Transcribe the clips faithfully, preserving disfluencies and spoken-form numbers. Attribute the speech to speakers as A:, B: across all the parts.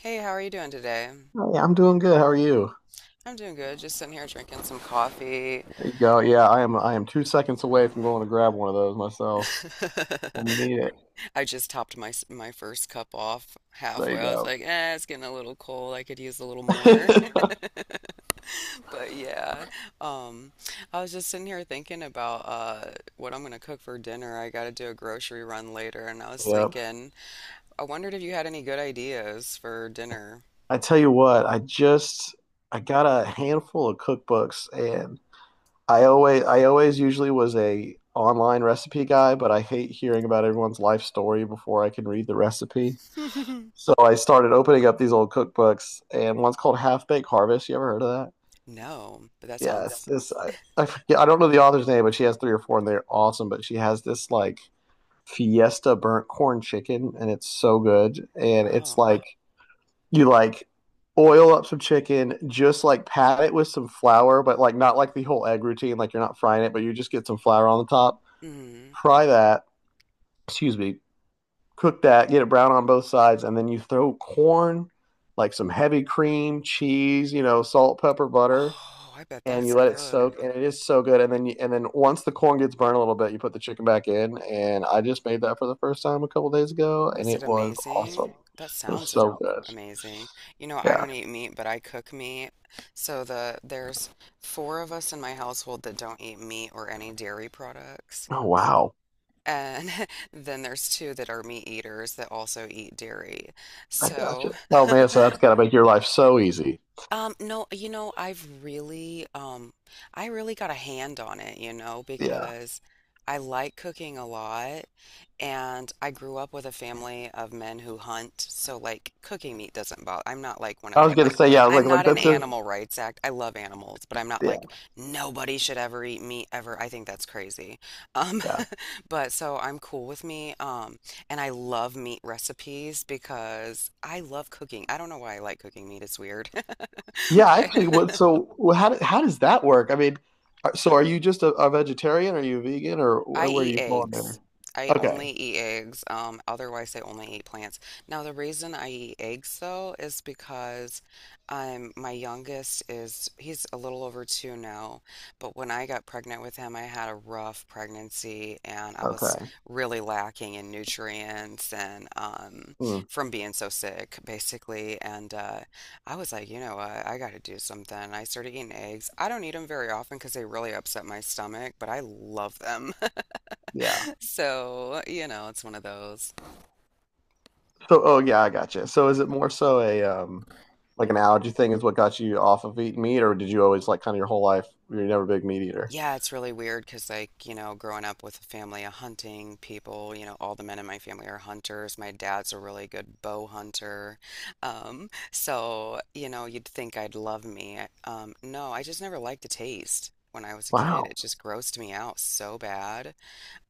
A: Hey, how are you doing today?
B: Hey, I'm doing good. How are you?
A: I'm doing good. Just sitting here drinking some coffee.
B: There you go. Yeah, I am I am two seconds away from going to grab one of those myself when we need it.
A: I just topped my s- my first cup off
B: There
A: halfway.
B: you
A: I was
B: go.
A: like, eh, it's getting a little cold. I could use a little more. But yeah, um, I was just sitting here thinking about uh, what I'm gonna cook for dinner. I gotta do a grocery run later, and I was
B: Yep.
A: thinking, I wondered if you had any good ideas for dinner.
B: I tell you what, I just I got a handful of cookbooks, and I always I always usually was a online recipe guy, but I hate hearing about everyone's life story before I can read the recipe. So I started opening up these old cookbooks, and one's called Half Baked Harvest. You ever heard of that?
A: No, but that
B: Yeah,
A: sounds.
B: it's this. I, I forget. I don't know the author's name, but she has three or four, and they're awesome. But she has this, like, Fiesta burnt corn chicken, and it's so good. And it's
A: Oh.
B: like you, like, oil up some chicken, just like pat it with some flour, but like not like the whole egg routine. Like, you're not frying it, but you just get some flour on the top.
A: Mm-hmm.
B: Fry that. Excuse me. Cook that. Get it brown on both sides, and then you throw corn, like some heavy cream, cheese, you know, salt, pepper, butter,
A: Oh, I bet
B: and
A: that's
B: you let it
A: good.
B: soak, and it is so good. And then you, and then once the corn gets burned a little bit, you put the chicken back in, and I just made that for the first time a couple days ago, and
A: Was it
B: it was awesome.
A: amazing?
B: It
A: That
B: was
A: sounds a-
B: so good.
A: amazing. You know, I
B: Yeah.
A: don't eat meat, but I cook meat. So the there's four of us in my household that don't eat meat or any dairy products.
B: Oh wow,
A: And then there's two that are meat eaters that also eat dairy.
B: I got
A: So
B: you. Oh man, so that's gotta make your life so easy.
A: Um, no, you know, I've really, um, I really got a hand on it, you know,
B: Yeah,
A: because I like cooking a lot and I grew up with a family of men who hunt. So like cooking meat doesn't bother. I'm not like one
B: I
A: of,
B: was
A: I'm
B: gonna
A: like,
B: say yeah. I was
A: I'm
B: like like
A: not an
B: that's a
A: animal rights act. I love animals, but I'm not like
B: yeah,
A: nobody should ever eat meat ever. I think that's crazy. Um,
B: yeah,
A: but so I'm cool with me. Um, and I love meat recipes because I love cooking. I don't know why I like cooking meat. It's weird.
B: yeah.
A: but I
B: Actually, what so wh- how do- how does that work? I mean, are- so are you just a, a vegetarian? Are you vegan, or
A: I
B: wh- where do
A: eat
B: you fall in there?
A: eggs. I only
B: Okay,
A: eat eggs. Um, otherwise, I only eat plants. Now, the reason I eat eggs though is because um, my youngest is he's a little over two now, but when I got pregnant with him, I had a rough pregnancy and I was
B: okay.
A: really lacking in nutrients and um,
B: Mm,
A: from being so sick, basically. And uh, I was like, you know what, I got to do something. I started eating eggs. I don't eat them very often because they really upset my stomach, but I love them.
B: yeah.
A: So, you know, it's one of those.
B: So, oh yeah, I gotcha. So, is it more so a um, like an allergy thing is what got you off of eating meat, or did you always like kind of your whole life you're never a big meat eater?
A: Yeah, it's really weird because, like, you know, growing up with a family of hunting people, you know, all the men in my family are hunters. My dad's a really good bow hunter. Um, so, you know, you'd think I'd love me. Um, no, I just never liked the taste. When I was a kid,
B: Wow.
A: it just grossed me out so bad.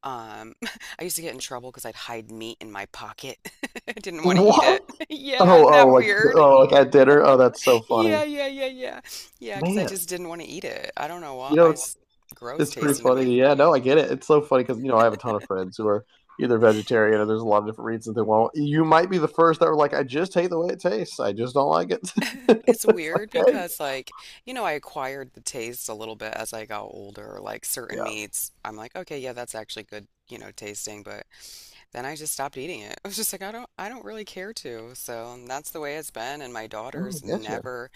A: Um, I used to get in trouble because I'd hide meat in my pocket. I didn't want to eat it.
B: What?
A: Yeah,
B: Oh,
A: isn't
B: oh,
A: that
B: like,
A: weird?
B: oh, like at dinner. Oh, that's so
A: Yeah,
B: funny,
A: yeah, yeah, yeah. Yeah, because I
B: man.
A: just didn't want to eat it. I don't know why.
B: You know,
A: I
B: it's
A: s- gross
B: it's pretty
A: tasting to
B: funny.
A: me.
B: Yeah, no, I get it. It's so funny because you know I have a ton of friends who are either vegetarian or there's a lot of different reasons they won't. You might be the first that were like, I just hate the way it tastes. I just don't like it.
A: It's
B: It's like,
A: weird
B: okay,
A: because, like, you know, I acquired the taste a little bit as I got older. Like, certain
B: yeah.
A: meats, I'm like, okay, yeah, that's actually good, you know, tasting. But then I just stopped eating it. I was just like, I don't, I don't really care to. So that's the way it's been. And my
B: Oh, I
A: daughters
B: get you.
A: never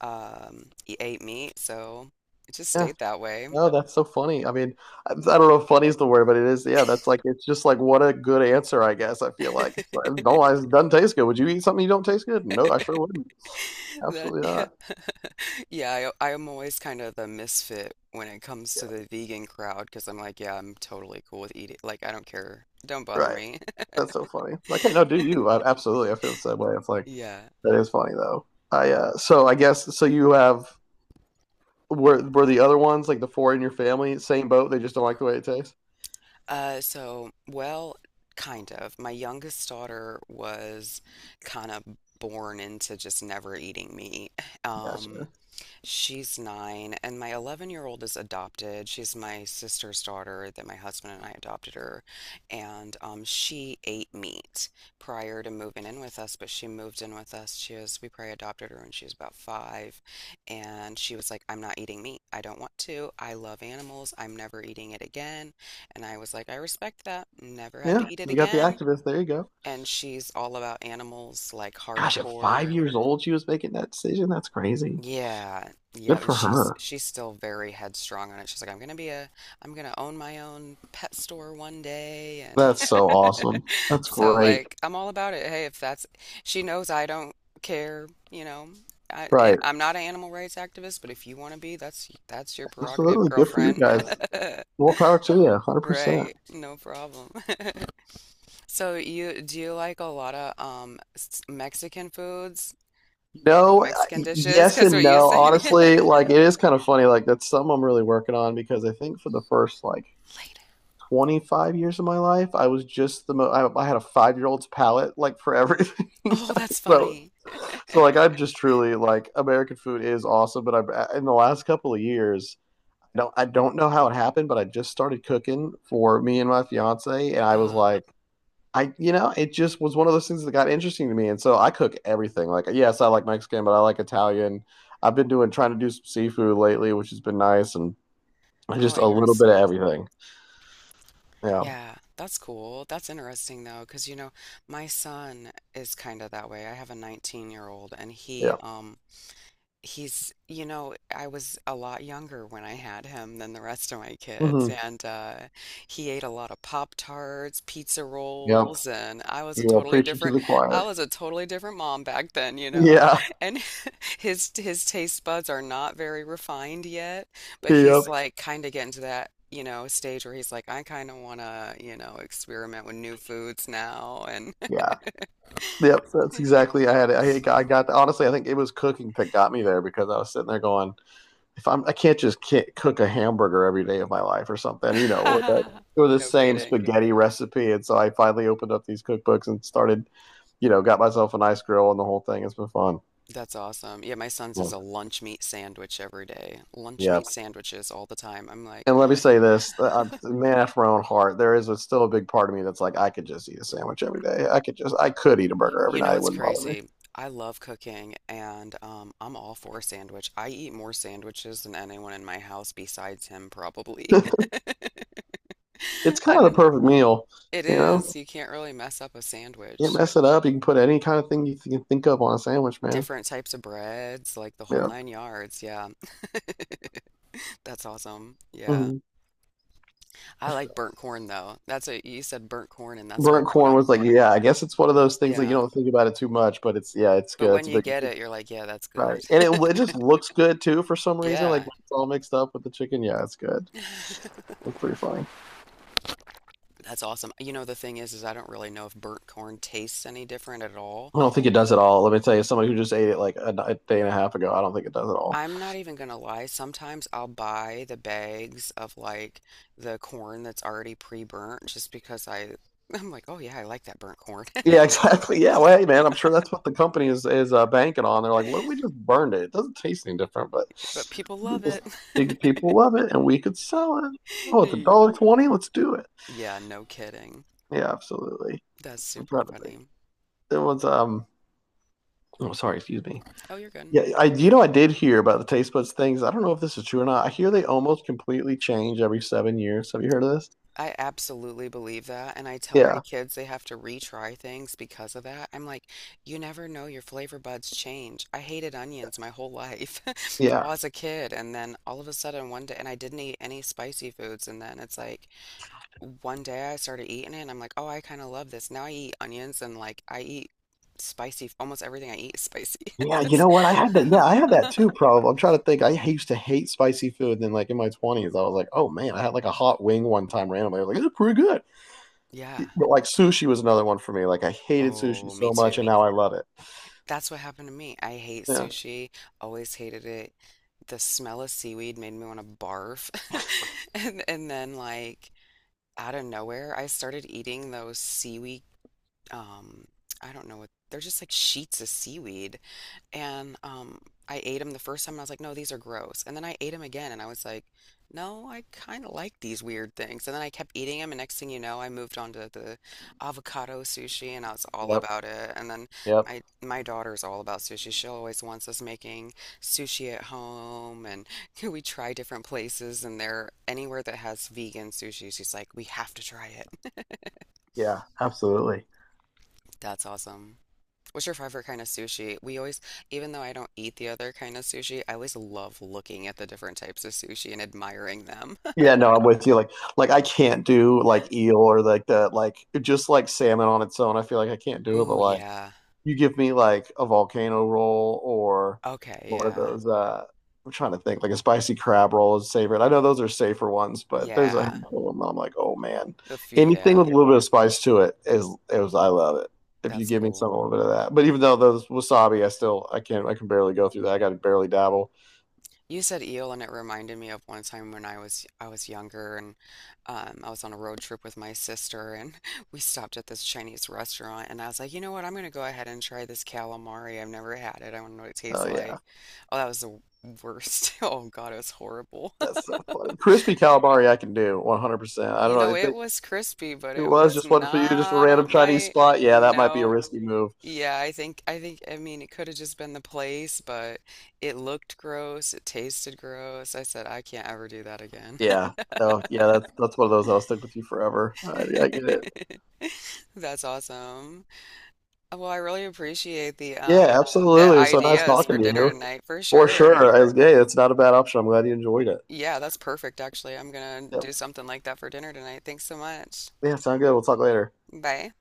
A: um, e- ate meat, so it just
B: Yeah,
A: stayed that way.
B: no, that's so funny. I mean, I I don't know if funny is the word, but it is. Yeah, that's like it's just like what a good answer, I guess. I feel like, it's like, no, it doesn't taste good. Would you eat something you don't taste good? No, I sure wouldn't.
A: That,
B: Absolutely
A: yeah.
B: not.
A: Yeah, I, I'm always kind of the misfit when it comes
B: Yeah,
A: to the vegan crowd because I'm like, yeah, I'm totally cool with eating. Like, I don't care. Don't bother
B: right.
A: me.
B: That's so funny. Like, hey, no, do you? I, absolutely, I feel the same way. It's like
A: Yeah.
B: that is funny though. I uh, so I guess so. You have were were the other ones like the four in your family same boat? They just don't like the way it tastes.
A: Uh, so, well, kind of. My youngest daughter was kind of born into just never eating meat. Um,
B: Gotcha.
A: She's nine, and my eleven year old is adopted. She's my sister's daughter that my husband and I adopted her. And um, she ate meat prior to moving in with us, but she moved in with us. She was, we probably adopted her when she was about five. And she was like, I'm not eating meat. I don't want to. I love animals. I'm never eating it again. And I was like, I respect that. Never have to
B: Yeah,
A: eat it
B: you got the
A: again.
B: activist. There you go.
A: And she's all about animals, like
B: Gosh, at five
A: hardcore.
B: years old, she was making that decision. That's crazy.
A: Yeah, yeah,
B: Good
A: and
B: for
A: she's
B: her.
A: she's still very headstrong on it. She's like, I'm gonna be a, I'm gonna own my own pet store one day, and
B: That's so awesome. That's
A: so
B: great.
A: like I'm all about it. Hey, if that's, she knows I don't care, you know. I it,
B: Right.
A: I'm not an animal rights activist, but if you want to be, that's that's your prerogative,
B: Absolutely. Good for you
A: girlfriend.
B: guys. More power to you. one hundred percent.
A: Right, no problem. So you do you like a lot of um s- Mexican foods, like
B: No,
A: Mexican dishes?
B: yes
A: Because
B: and
A: what you
B: no.
A: said.
B: Honestly, like it is kind of funny. Like, that's something I'm really working on because I think for the first like twenty-five years of my life, I was just the mo- I, I had a five year old's palate, like, for everything.
A: Oh, that's
B: so,
A: funny.
B: so like, I'm just truly like American food is awesome, but I've in the last couple of years, I don't I don't know how it happened, but I just started cooking for me and my fiance, and I was
A: Uh-huh.
B: like, I, you know, it just was one of those things that got interesting to me, and so I cook everything. Like, yes, I like Mexican, but I like Italian. I've been doing trying to do some seafood lately, which has been nice, and
A: Oh,
B: just a little bit of
A: interesting.
B: everything. Yeah,
A: Yeah, that's cool. That's interesting though, because you know, my son is kind of that way. I have a nineteen-year-old and he
B: yeah.
A: um he's, you know, I was a lot younger when I had him than the rest of my kids,
B: Hmm.
A: and uh, he ate a lot of Pop-Tarts, pizza
B: Yep.
A: rolls, and I was a
B: You are
A: totally
B: preaching to
A: different,
B: the
A: I
B: choir.
A: was a totally different mom back then, you know.
B: Yeah,
A: And his his taste buds are not very refined yet, but he's
B: yep,
A: like kind of getting to that, you know, stage where he's like, I kind of want to, you know, experiment with new foods now, and
B: yeah. Yep, that's exactly. I had. I, I got. Honestly, I think it was cooking that got me there because I was sitting there going, if I'm, I can't just ki cook a hamburger every day of my life or something, you know, or the, or the
A: no
B: same
A: kidding.
B: spaghetti recipe. And so I finally opened up these cookbooks and started, you know, got myself a nice grill and the whole thing. It's been fun.
A: That's awesome. Yeah, my son's
B: Yeah.
A: is a lunch meat sandwich every day. Lunch
B: Yeah.
A: meat sandwiches all the time. I'm like,
B: And let me say this, uh, I'm, man after my own heart, there is a, still a big part of me that's like, I could just eat a sandwich every day. I could just, I could eat a burger every
A: you know,
B: night. It
A: it's
B: wouldn't bother me.
A: crazy. I love cooking and um, I'm all for a sandwich. I eat more sandwiches than anyone in my house besides him, probably.
B: It's kind
A: I
B: of
A: don't,
B: the
A: it know.
B: perfect meal,
A: It
B: you
A: is.
B: know,
A: You can't really mess up a
B: can't
A: sandwich.
B: mess it up. You can put any kind of thing you can think of on a sandwich, man.
A: Different types of breads, like the whole
B: Yeah.
A: nine yards. Yeah, that's awesome. Yeah.
B: hmm
A: I like burnt corn though. That's a, you said burnt corn and that's like
B: Burnt
A: one of
B: corn
A: 'em.
B: was, like, yeah, I guess it's one of those things that you
A: Yeah.
B: don't think about it too much, but it's yeah, it's
A: But
B: good.
A: when
B: It's a
A: you
B: big
A: get it, you're like, yeah, that's good.
B: Right, and it, it just looks good too for some reason.
A: Yeah.
B: Like, when it's all mixed up with the chicken, yeah, it's good. It's pretty funny.
A: That's awesome. You know, the thing is, is I don't really know if burnt corn tastes any different at all.
B: I don't think it does at all. Let me tell you, somebody who just ate it like a, a day and a half ago, I don't think it does at all.
A: I'm not even gonna lie. Sometimes I'll buy the bags of like the corn that's already pre-burnt just because I I'm like, oh yeah, I like that burnt corn.
B: Yeah, exactly. Yeah,
A: Just-
B: well, hey man, I'm sure that's what the company is is uh, banking on. They're like, what if we just burned it? It doesn't taste any different, but
A: but people
B: we
A: love
B: just
A: it.
B: think people love it and we could sell it. Oh, it's a dollar twenty. Let's do it.
A: Yeah, no kidding.
B: Yeah, absolutely.
A: That's
B: I'm
A: super
B: trying to think.
A: funny.
B: There was um Oh, sorry, excuse me.
A: Oh, you're good.
B: Yeah, I you know I did hear about the taste buds things. I don't know if this is true or not. I hear they almost completely change every seven years. Have you heard of this?
A: I absolutely believe that, and I tell my
B: Yeah.
A: kids they have to retry things because of that. I'm like, you never know, your flavor buds change. I hated onions my whole life all
B: Yeah.
A: as a kid, and then all of a sudden one day, and I didn't eat any spicy foods, and then it's like one day I started eating it, and I'm like, oh, I kind of love this. Now I eat onions, and like I eat spicy, almost everything I eat is spicy.
B: Yeah, you know what? I had that. Yeah, I had that too. Probably. I'm trying to think. I used to hate spicy food. And then, like, in my twenties, I was like, "Oh man!" I had like a hot wing one time randomly. I was like, "It's pretty good."
A: Yeah.
B: But like sushi was another one for me. Like, I hated sushi
A: Oh, me
B: so much, and
A: too.
B: now I love it.
A: That's what happened to me. I hate
B: Yeah.
A: sushi. Always hated it. The smell of seaweed made me want to barf. And and then like out of nowhere, I started eating those seaweed um I don't know what they're just like sheets of seaweed and um, I ate them the first time and I was like, no, these are gross. And then I ate them again and I was like, no, I kind of like these weird things. And then I kept eating them. And next thing you know, I moved on to the avocado sushi and I was all
B: Yep.
A: about it. And then
B: Yep.
A: my, my daughter's all about sushi. She always wants us making sushi at home. And we try different places and they're anywhere that has vegan sushi, she's like, we have to try it.
B: Yeah. Absolutely.
A: That's awesome. What's your favorite kind of sushi? We always, even though I don't eat the other kind of sushi, I always love looking at the different types of sushi and admiring them.
B: Yeah, no, I'm with you. Like, like I can't do like eel, or like the like just like salmon on its own. I feel like I can't do it. But,
A: Ooh,
B: like,
A: yeah.
B: you give me like a volcano roll or
A: Okay,
B: one of
A: yeah.
B: those. Uh, I'm trying to think. Like a spicy crab roll is favorite. I know those are safer ones, but there's a
A: Yeah.
B: handful of them that I'm like, oh man,
A: The
B: anything
A: yeah.
B: with a little bit of spice to it is is I love it. If you
A: That's
B: give me
A: cool.
B: some a little bit of that, but even though those wasabi, I still I can't I can barely go through that. I got to barely dabble.
A: You said eel and it reminded me of one time when I was I was younger and um, I was on a road trip with my sister and we stopped at this Chinese restaurant and I was like, you know what, I'm gonna go ahead and try this calamari. I've never had it. I want to know what it tastes
B: Oh yeah.
A: like. Oh, that was the worst. Oh God, it was horrible.
B: That's so funny. Crispy calamari, I can do one hundred percent. I don't
A: You
B: know
A: know,
B: if
A: it
B: they,
A: was crispy, but
B: it
A: it
B: was
A: was
B: just one for you, just a
A: not up
B: random Chinese
A: my
B: spot. Yeah, that might be a
A: no.
B: risky move.
A: Yeah, I think I think I mean it could have just been the place, but it looked gross, it tasted gross. I said I can't ever do that again.
B: Yeah. Oh yeah, that's that's one of those that'll stick with you forever. I, I get it.
A: That's awesome. Well, I really appreciate the
B: Yeah,
A: um the
B: absolutely. It was so nice
A: ideas for
B: talking to
A: dinner
B: you.
A: tonight for
B: For
A: sure.
B: sure. As gay, it's not a bad option. I'm glad you enjoyed it.
A: Yeah, that's perfect actually. I'm gonna
B: Yep.
A: do something like that for dinner tonight. Thanks so much.
B: Yeah, sound good. We'll talk later.
A: Bye.